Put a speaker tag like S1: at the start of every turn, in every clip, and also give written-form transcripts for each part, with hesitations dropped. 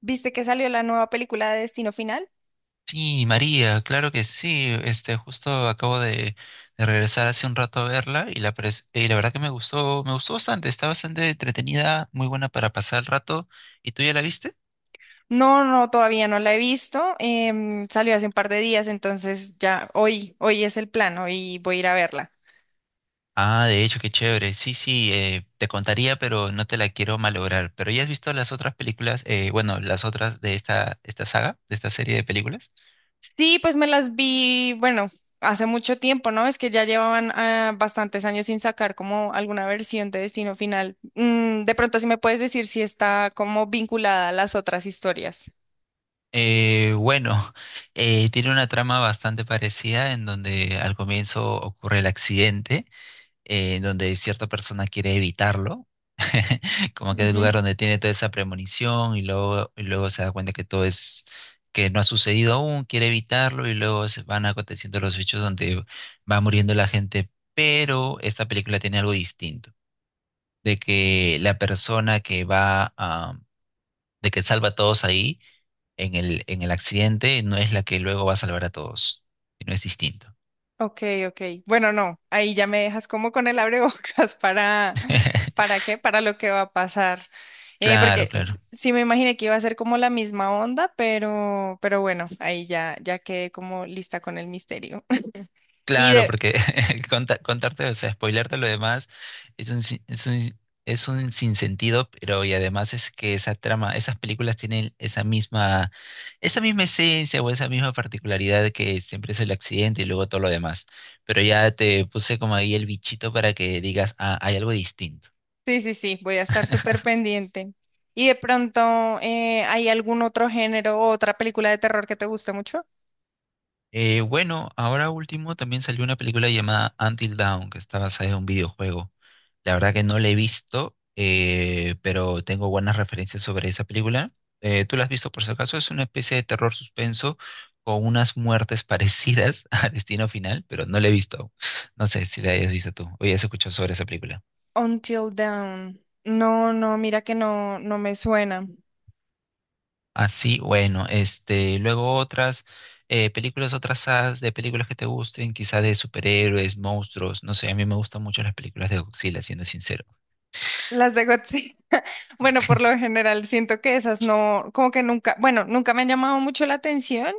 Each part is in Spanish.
S1: ¿Viste que salió la nueva película de Destino Final?
S2: Sí, María, claro que sí. Justo acabo de regresar hace un rato a verla y la verdad que me gustó bastante. Está bastante entretenida, muy buena para pasar el rato. ¿Y tú ya la viste?
S1: No, no, todavía no la he visto. Salió hace un par de días, entonces ya hoy, hoy es el plan, hoy voy a ir a verla.
S2: Ah, de hecho, qué chévere. Sí, sí, te contaría, pero no te la quiero malograr. ¿Pero ya has visto las otras películas? Bueno, las otras de esta saga, de esta serie de películas.
S1: Sí, pues me las vi, bueno, hace mucho tiempo, ¿no? Es que ya llevaban bastantes años sin sacar como alguna versión de Destino Final. De pronto, si me puedes decir si está como vinculada a las otras historias.
S2: Bueno, tiene una trama bastante parecida en donde al comienzo ocurre el accidente donde cierta persona quiere evitarlo, como que es el lugar donde tiene toda esa premonición y luego se da cuenta que que no ha sucedido aún, quiere evitarlo y luego se van aconteciendo los hechos donde va muriendo la gente, pero esta película tiene algo distinto, de que la persona que va a, de que salva a todos ahí en el accidente no es la que luego va a salvar a todos, no es distinto.
S1: Ok, ok. Bueno, no, ahí ya me dejas como con el abrebocas ¿para qué? Para lo que va a pasar.
S2: Claro,
S1: Porque
S2: claro.
S1: sí me imaginé que iba a ser como la misma onda, pero bueno, ahí ya, ya quedé como lista con el misterio. Y
S2: Claro,
S1: de,
S2: porque contarte, o sea, spoilearte lo demás es un, sin- es es un sinsentido, pero y además es que esa trama, esas películas tienen esa misma esencia o esa misma particularidad de que siempre es el accidente y luego todo lo demás. Pero ya te puse como ahí el bichito para que digas, ah, hay algo distinto.
S1: sí, sí, sí, voy a estar súper pendiente. ¿Y de pronto hay algún otro género o otra película de terror que te guste mucho?
S2: Bueno, ahora último también salió una película llamada Until Dawn, que está basada en un videojuego. La verdad que no la he visto, pero tengo buenas referencias sobre esa película. ¿Tú la has visto por si acaso? Es una especie de terror suspenso con unas muertes parecidas a Destino Final, pero no la he visto. No sé si la hayas visto tú o ya has escuchado sobre esa película.
S1: Until Dawn. No, no, mira que no, no me suena.
S2: Así, bueno, luego otras películas, otras sagas de películas que te gusten, quizás de superhéroes, monstruos, no sé, a mí me gustan mucho las películas de Godzilla, siendo sincero.
S1: Las de Godzilla. Bueno, por lo general siento que esas no, como que nunca, bueno, nunca me han llamado mucho la atención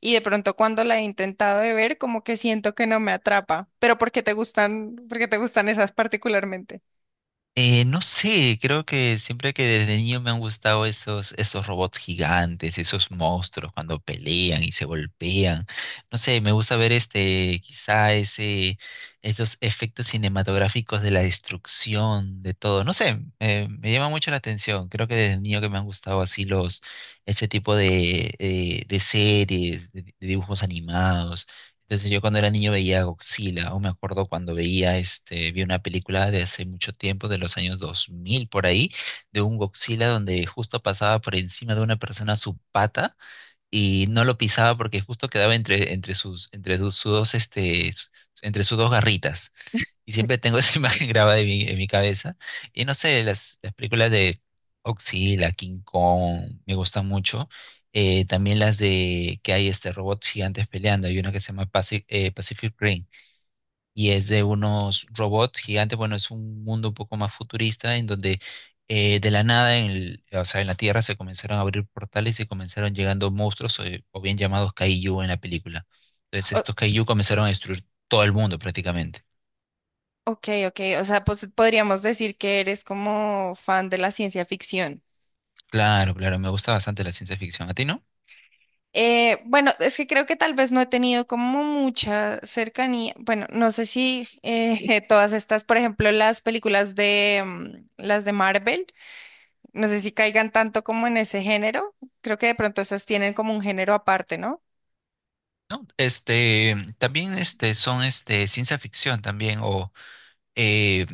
S1: y de pronto cuando la he intentado de ver, como que siento que no me atrapa. Pero ¿por qué te gustan, por qué te gustan esas particularmente?
S2: No sé, creo que siempre que desde niño me han gustado esos robots gigantes, esos monstruos cuando pelean y se golpean. No sé, me gusta ver quizá esos efectos cinematográficos de la destrucción de todo. No sé, me llama mucho la atención. Creo que desde niño que me han gustado así ese tipo de series, de dibujos animados. Entonces yo cuando era niño veía Godzilla, o me acuerdo cuando veía, vi una película de hace mucho tiempo, de los años 2000 por ahí, de un Godzilla donde justo pasaba por encima de una persona su pata y no lo pisaba porque justo quedaba entre sus dos garritas. Y siempre tengo esa imagen grabada en en mi cabeza. Y no sé, las películas de Godzilla, King Kong, me gustan mucho. También las de que hay este robots gigantes peleando. Hay una que se llama Pacific Rim y es de unos robots gigantes. Bueno, es un mundo un poco más futurista en donde de la nada, o sea, en la Tierra se comenzaron a abrir portales y comenzaron llegando monstruos o bien llamados Kaiju en la película. Entonces
S1: O-
S2: estos Kaiju comenzaron a destruir todo el mundo prácticamente.
S1: ok, ok, o sea, pues podríamos decir que eres como fan de la ciencia ficción.
S2: Claro, claro, me gusta bastante la ciencia ficción. ¿A ti no?
S1: Bueno, es que creo que tal vez no he tenido como mucha cercanía. Bueno, no sé si todas estas, por ejemplo, las películas de las de Marvel. No sé si caigan tanto como en ese género. Creo que de pronto esas tienen como un género aparte, ¿no?
S2: No, este, también este, son este, ciencia ficción también, o eh,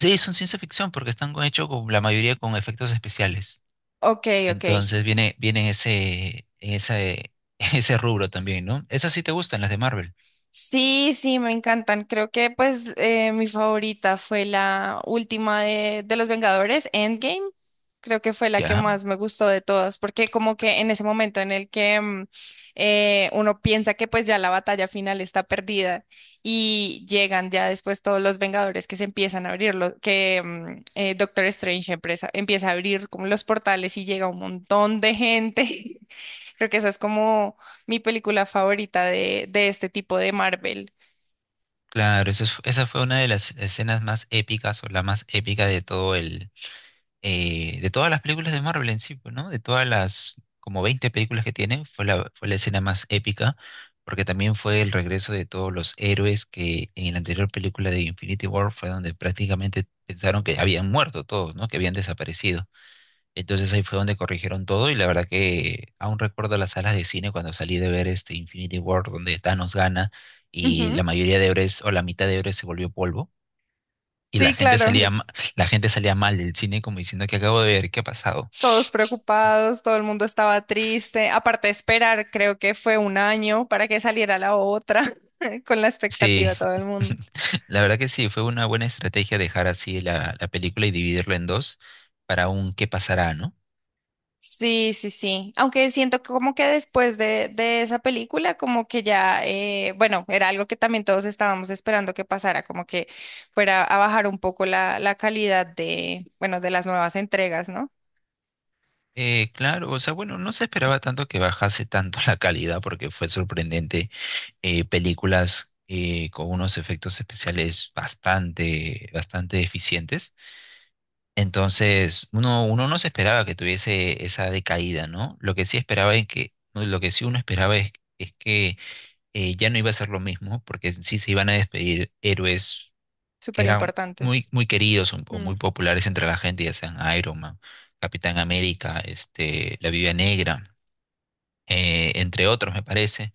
S2: sí, son ciencia ficción porque están hechos con la mayoría con efectos especiales.
S1: Ok, ok.
S2: Entonces viene en ese, en ese rubro también, ¿no? Esas sí te gustan, las de Marvel.
S1: Sí, sí, me encantan. Creo que pues mi favorita fue la última de Los Vengadores, Endgame. Creo que fue la que
S2: Ya,
S1: más me gustó de todas, porque como que en ese momento en el que uno piensa que pues ya la batalla final está perdida y llegan ya después todos los Vengadores que se empiezan a abrir, que Doctor Strange empieza, empieza a abrir como los portales y llega un montón de gente. Creo que eso es como mi película favorita de este tipo de Marvel.
S2: claro, esa fue una de las escenas más épicas o la más épica de todo de todas las películas de Marvel en sí, pues, ¿no? De todas las como 20 películas que tienen, fue la escena más épica, porque también fue el regreso de todos los héroes que en la anterior película de Infinity War fue donde prácticamente pensaron que habían muerto todos, ¿no? Que habían desaparecido. Entonces ahí fue donde corrigieron todo y la verdad que aún recuerdo las salas de cine cuando salí de ver este Infinity War donde Thanos gana y la
S1: Ujú.
S2: mayoría de héroes o la mitad de héroes se volvió polvo y
S1: Sí, claro,
S2: la gente salía mal del cine como diciendo que acabo de ver, ¿qué ha pasado?
S1: todos preocupados, todo el mundo estaba triste. Aparte de esperar, creo que fue un año para que saliera la otra, con la
S2: Sí,
S1: expectativa todo el mundo.
S2: la verdad que sí, fue una buena estrategia dejar así la película y dividirla en dos para un qué pasará, ¿no?
S1: Sí, sí, sí. Aunque siento que como que después de esa película, como que ya, bueno, era algo que también todos estábamos esperando que pasara, como que fuera a bajar un poco la, la calidad de, bueno, de las nuevas entregas, ¿no?
S2: Claro, o sea, bueno, no se esperaba tanto que bajase tanto la calidad porque fue sorprendente. Películas con unos efectos especiales bastante, bastante eficientes. Entonces, uno no se esperaba que tuviese esa decaída, ¿no? Lo que sí esperaba es que, no, lo que sí uno esperaba es que ya no iba a ser lo mismo, porque sí se iban a despedir héroes que
S1: Súper
S2: eran
S1: importantes.
S2: muy, muy queridos o muy populares entre la gente, ya sean Iron Man, Capitán América, la Viuda Negra, entre otros, me parece.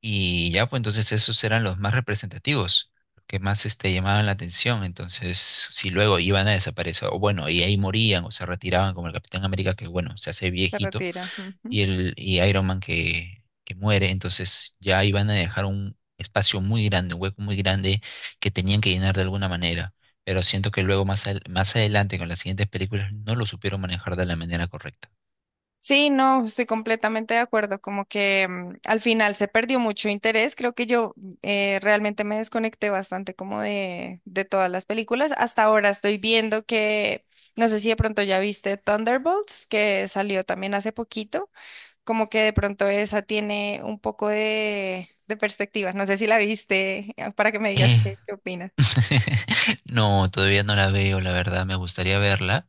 S2: Y ya, pues entonces esos eran los más representativos, los que más llamaban la atención. Entonces, si luego iban a desaparecer, o bueno, y ahí morían o se retiraban, como el Capitán América, que bueno, se hace
S1: Se
S2: viejito,
S1: retira. Ujú.
S2: y Iron Man que muere, entonces ya iban a dejar un espacio muy grande, un hueco muy grande que tenían que llenar de alguna manera. Pero siento que luego más adelante, con las siguientes películas, no lo supieron manejar de la manera correcta.
S1: Sí, no, estoy completamente de acuerdo. Como que al final se perdió mucho interés. Creo que yo realmente me desconecté bastante como de todas las películas. Hasta ahora estoy viendo que, no sé si de pronto ya viste Thunderbolts, que salió también hace poquito. Como que de pronto esa tiene un poco de perspectiva. No sé si la viste, para que me digas qué, qué opinas.
S2: No, todavía no la veo, la verdad, me gustaría verla,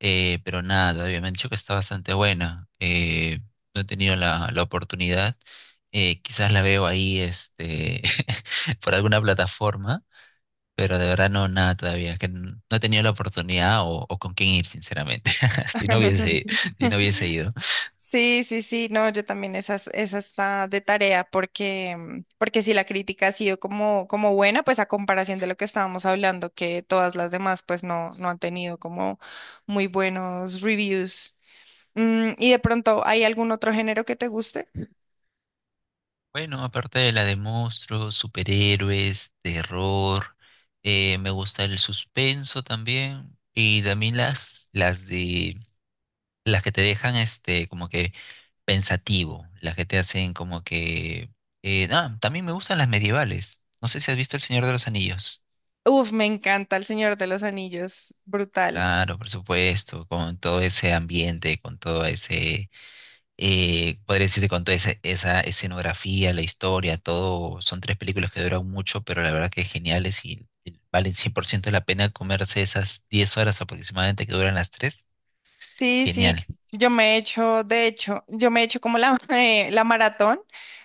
S2: pero nada, todavía me han dicho que está bastante buena. No he tenido la oportunidad, quizás la veo ahí por alguna plataforma, pero de verdad no, nada todavía, que no he tenido la oportunidad o con quién ir, sinceramente, si no hubiese, si no hubiese ido.
S1: Sí, sí, sí, no, yo también esas, esa está de tarea porque, porque si la crítica ha sido como, como buena, pues a comparación de lo que estábamos hablando, que todas las demás pues no, no han tenido como muy buenos reviews. Y de pronto, ¿hay algún otro género que te guste?
S2: Bueno, aparte de la de monstruos, superhéroes, terror, me gusta el suspenso también y también las de las que te dejan como que pensativo, las que te hacen como que también me gustan las medievales. No sé si has visto El Señor de los Anillos.
S1: Uf, me encanta El Señor de los Anillos, brutal.
S2: Claro, por supuesto, con todo ese ambiente, con todo ese podría decirte con toda esa escenografía, la historia, todo, son 3 películas que duran mucho, pero la verdad que geniales y valen 100% la pena comerse esas 10 horas aproximadamente que duran las tres.
S1: Sí, sí,
S2: Genial.
S1: yo me he hecho, de hecho, yo me he hecho como la, la maratón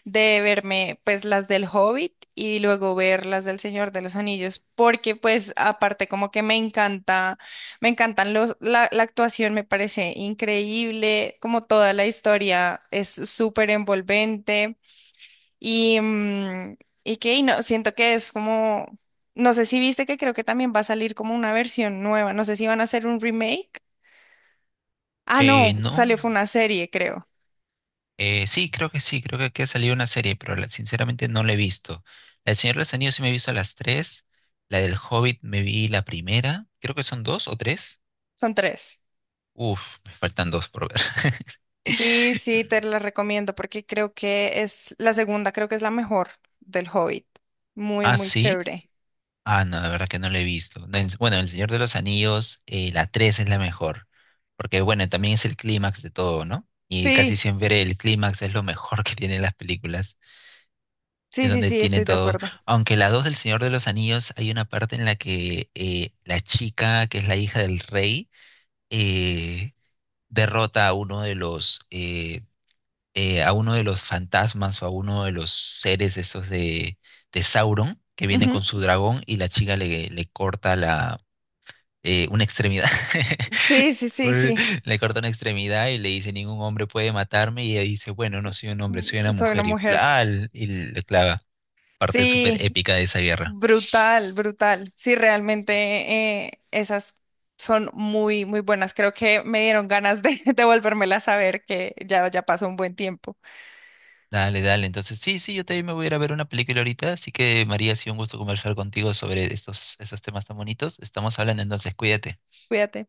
S1: de verme pues las del Hobbit y luego ver las del Señor de los Anillos, porque pues aparte como que me encanta, me encantan los, la actuación me parece increíble, como toda la historia es súper envolvente y, y que y no, siento que es como, no sé si viste que creo que también va a salir como una versión nueva, no sé si van a hacer un remake. Ah, no, salió,
S2: No,
S1: fue una serie, creo.
S2: sí, creo que aquí ha salido una serie, pero sinceramente no la he visto. La del Señor de los Anillos sí me he visto las tres, la del Hobbit me vi la primera, creo que son dos o tres.
S1: Son tres.
S2: Uf, me faltan dos por ver.
S1: Sí, sí, te la recomiendo porque creo que es la segunda, creo que es la mejor del Hobbit. Muy,
S2: Ah,
S1: muy
S2: sí.
S1: chévere.
S2: Ah, no, la verdad que no lo he visto. No, bueno, El Señor de los Anillos, la 3 es la mejor, porque bueno, también es el clímax de todo, ¿no? Y casi
S1: Sí,
S2: siempre el clímax es lo mejor que tienen las películas,
S1: sí,
S2: es
S1: sí,
S2: donde
S1: sí,
S2: tienen
S1: estoy de
S2: todo.
S1: acuerdo.
S2: Aunque la 2 del Señor de los Anillos hay una parte en la que la chica, que es la hija del rey, eh, derrota a uno de los a uno de los fantasmas o a uno de los seres esos de Sauron, que viene
S1: Ujú.
S2: con su dragón y le corta una extremidad.
S1: Sí, sí, sí,
S2: Eh,
S1: sí.
S2: Le corta una extremidad y le dice, ningún hombre puede matarme. Y ella dice, bueno, no soy un hombre, soy una
S1: Soy una
S2: mujer. Y,
S1: mujer.
S2: bla y le clava, parte súper
S1: Sí,
S2: épica de esa guerra.
S1: brutal, brutal. Sí, realmente esas son muy, muy buenas. Creo que me dieron ganas de, de volvérmelas a ver, que ya, ya pasó un buen tiempo.
S2: Dale, dale. Entonces, sí, sí, yo también me voy a ir a ver una película ahorita. Así que, María, ha sido un gusto conversar contigo sobre estos temas tan bonitos. Estamos hablando entonces, cuídate.
S1: Cuídate.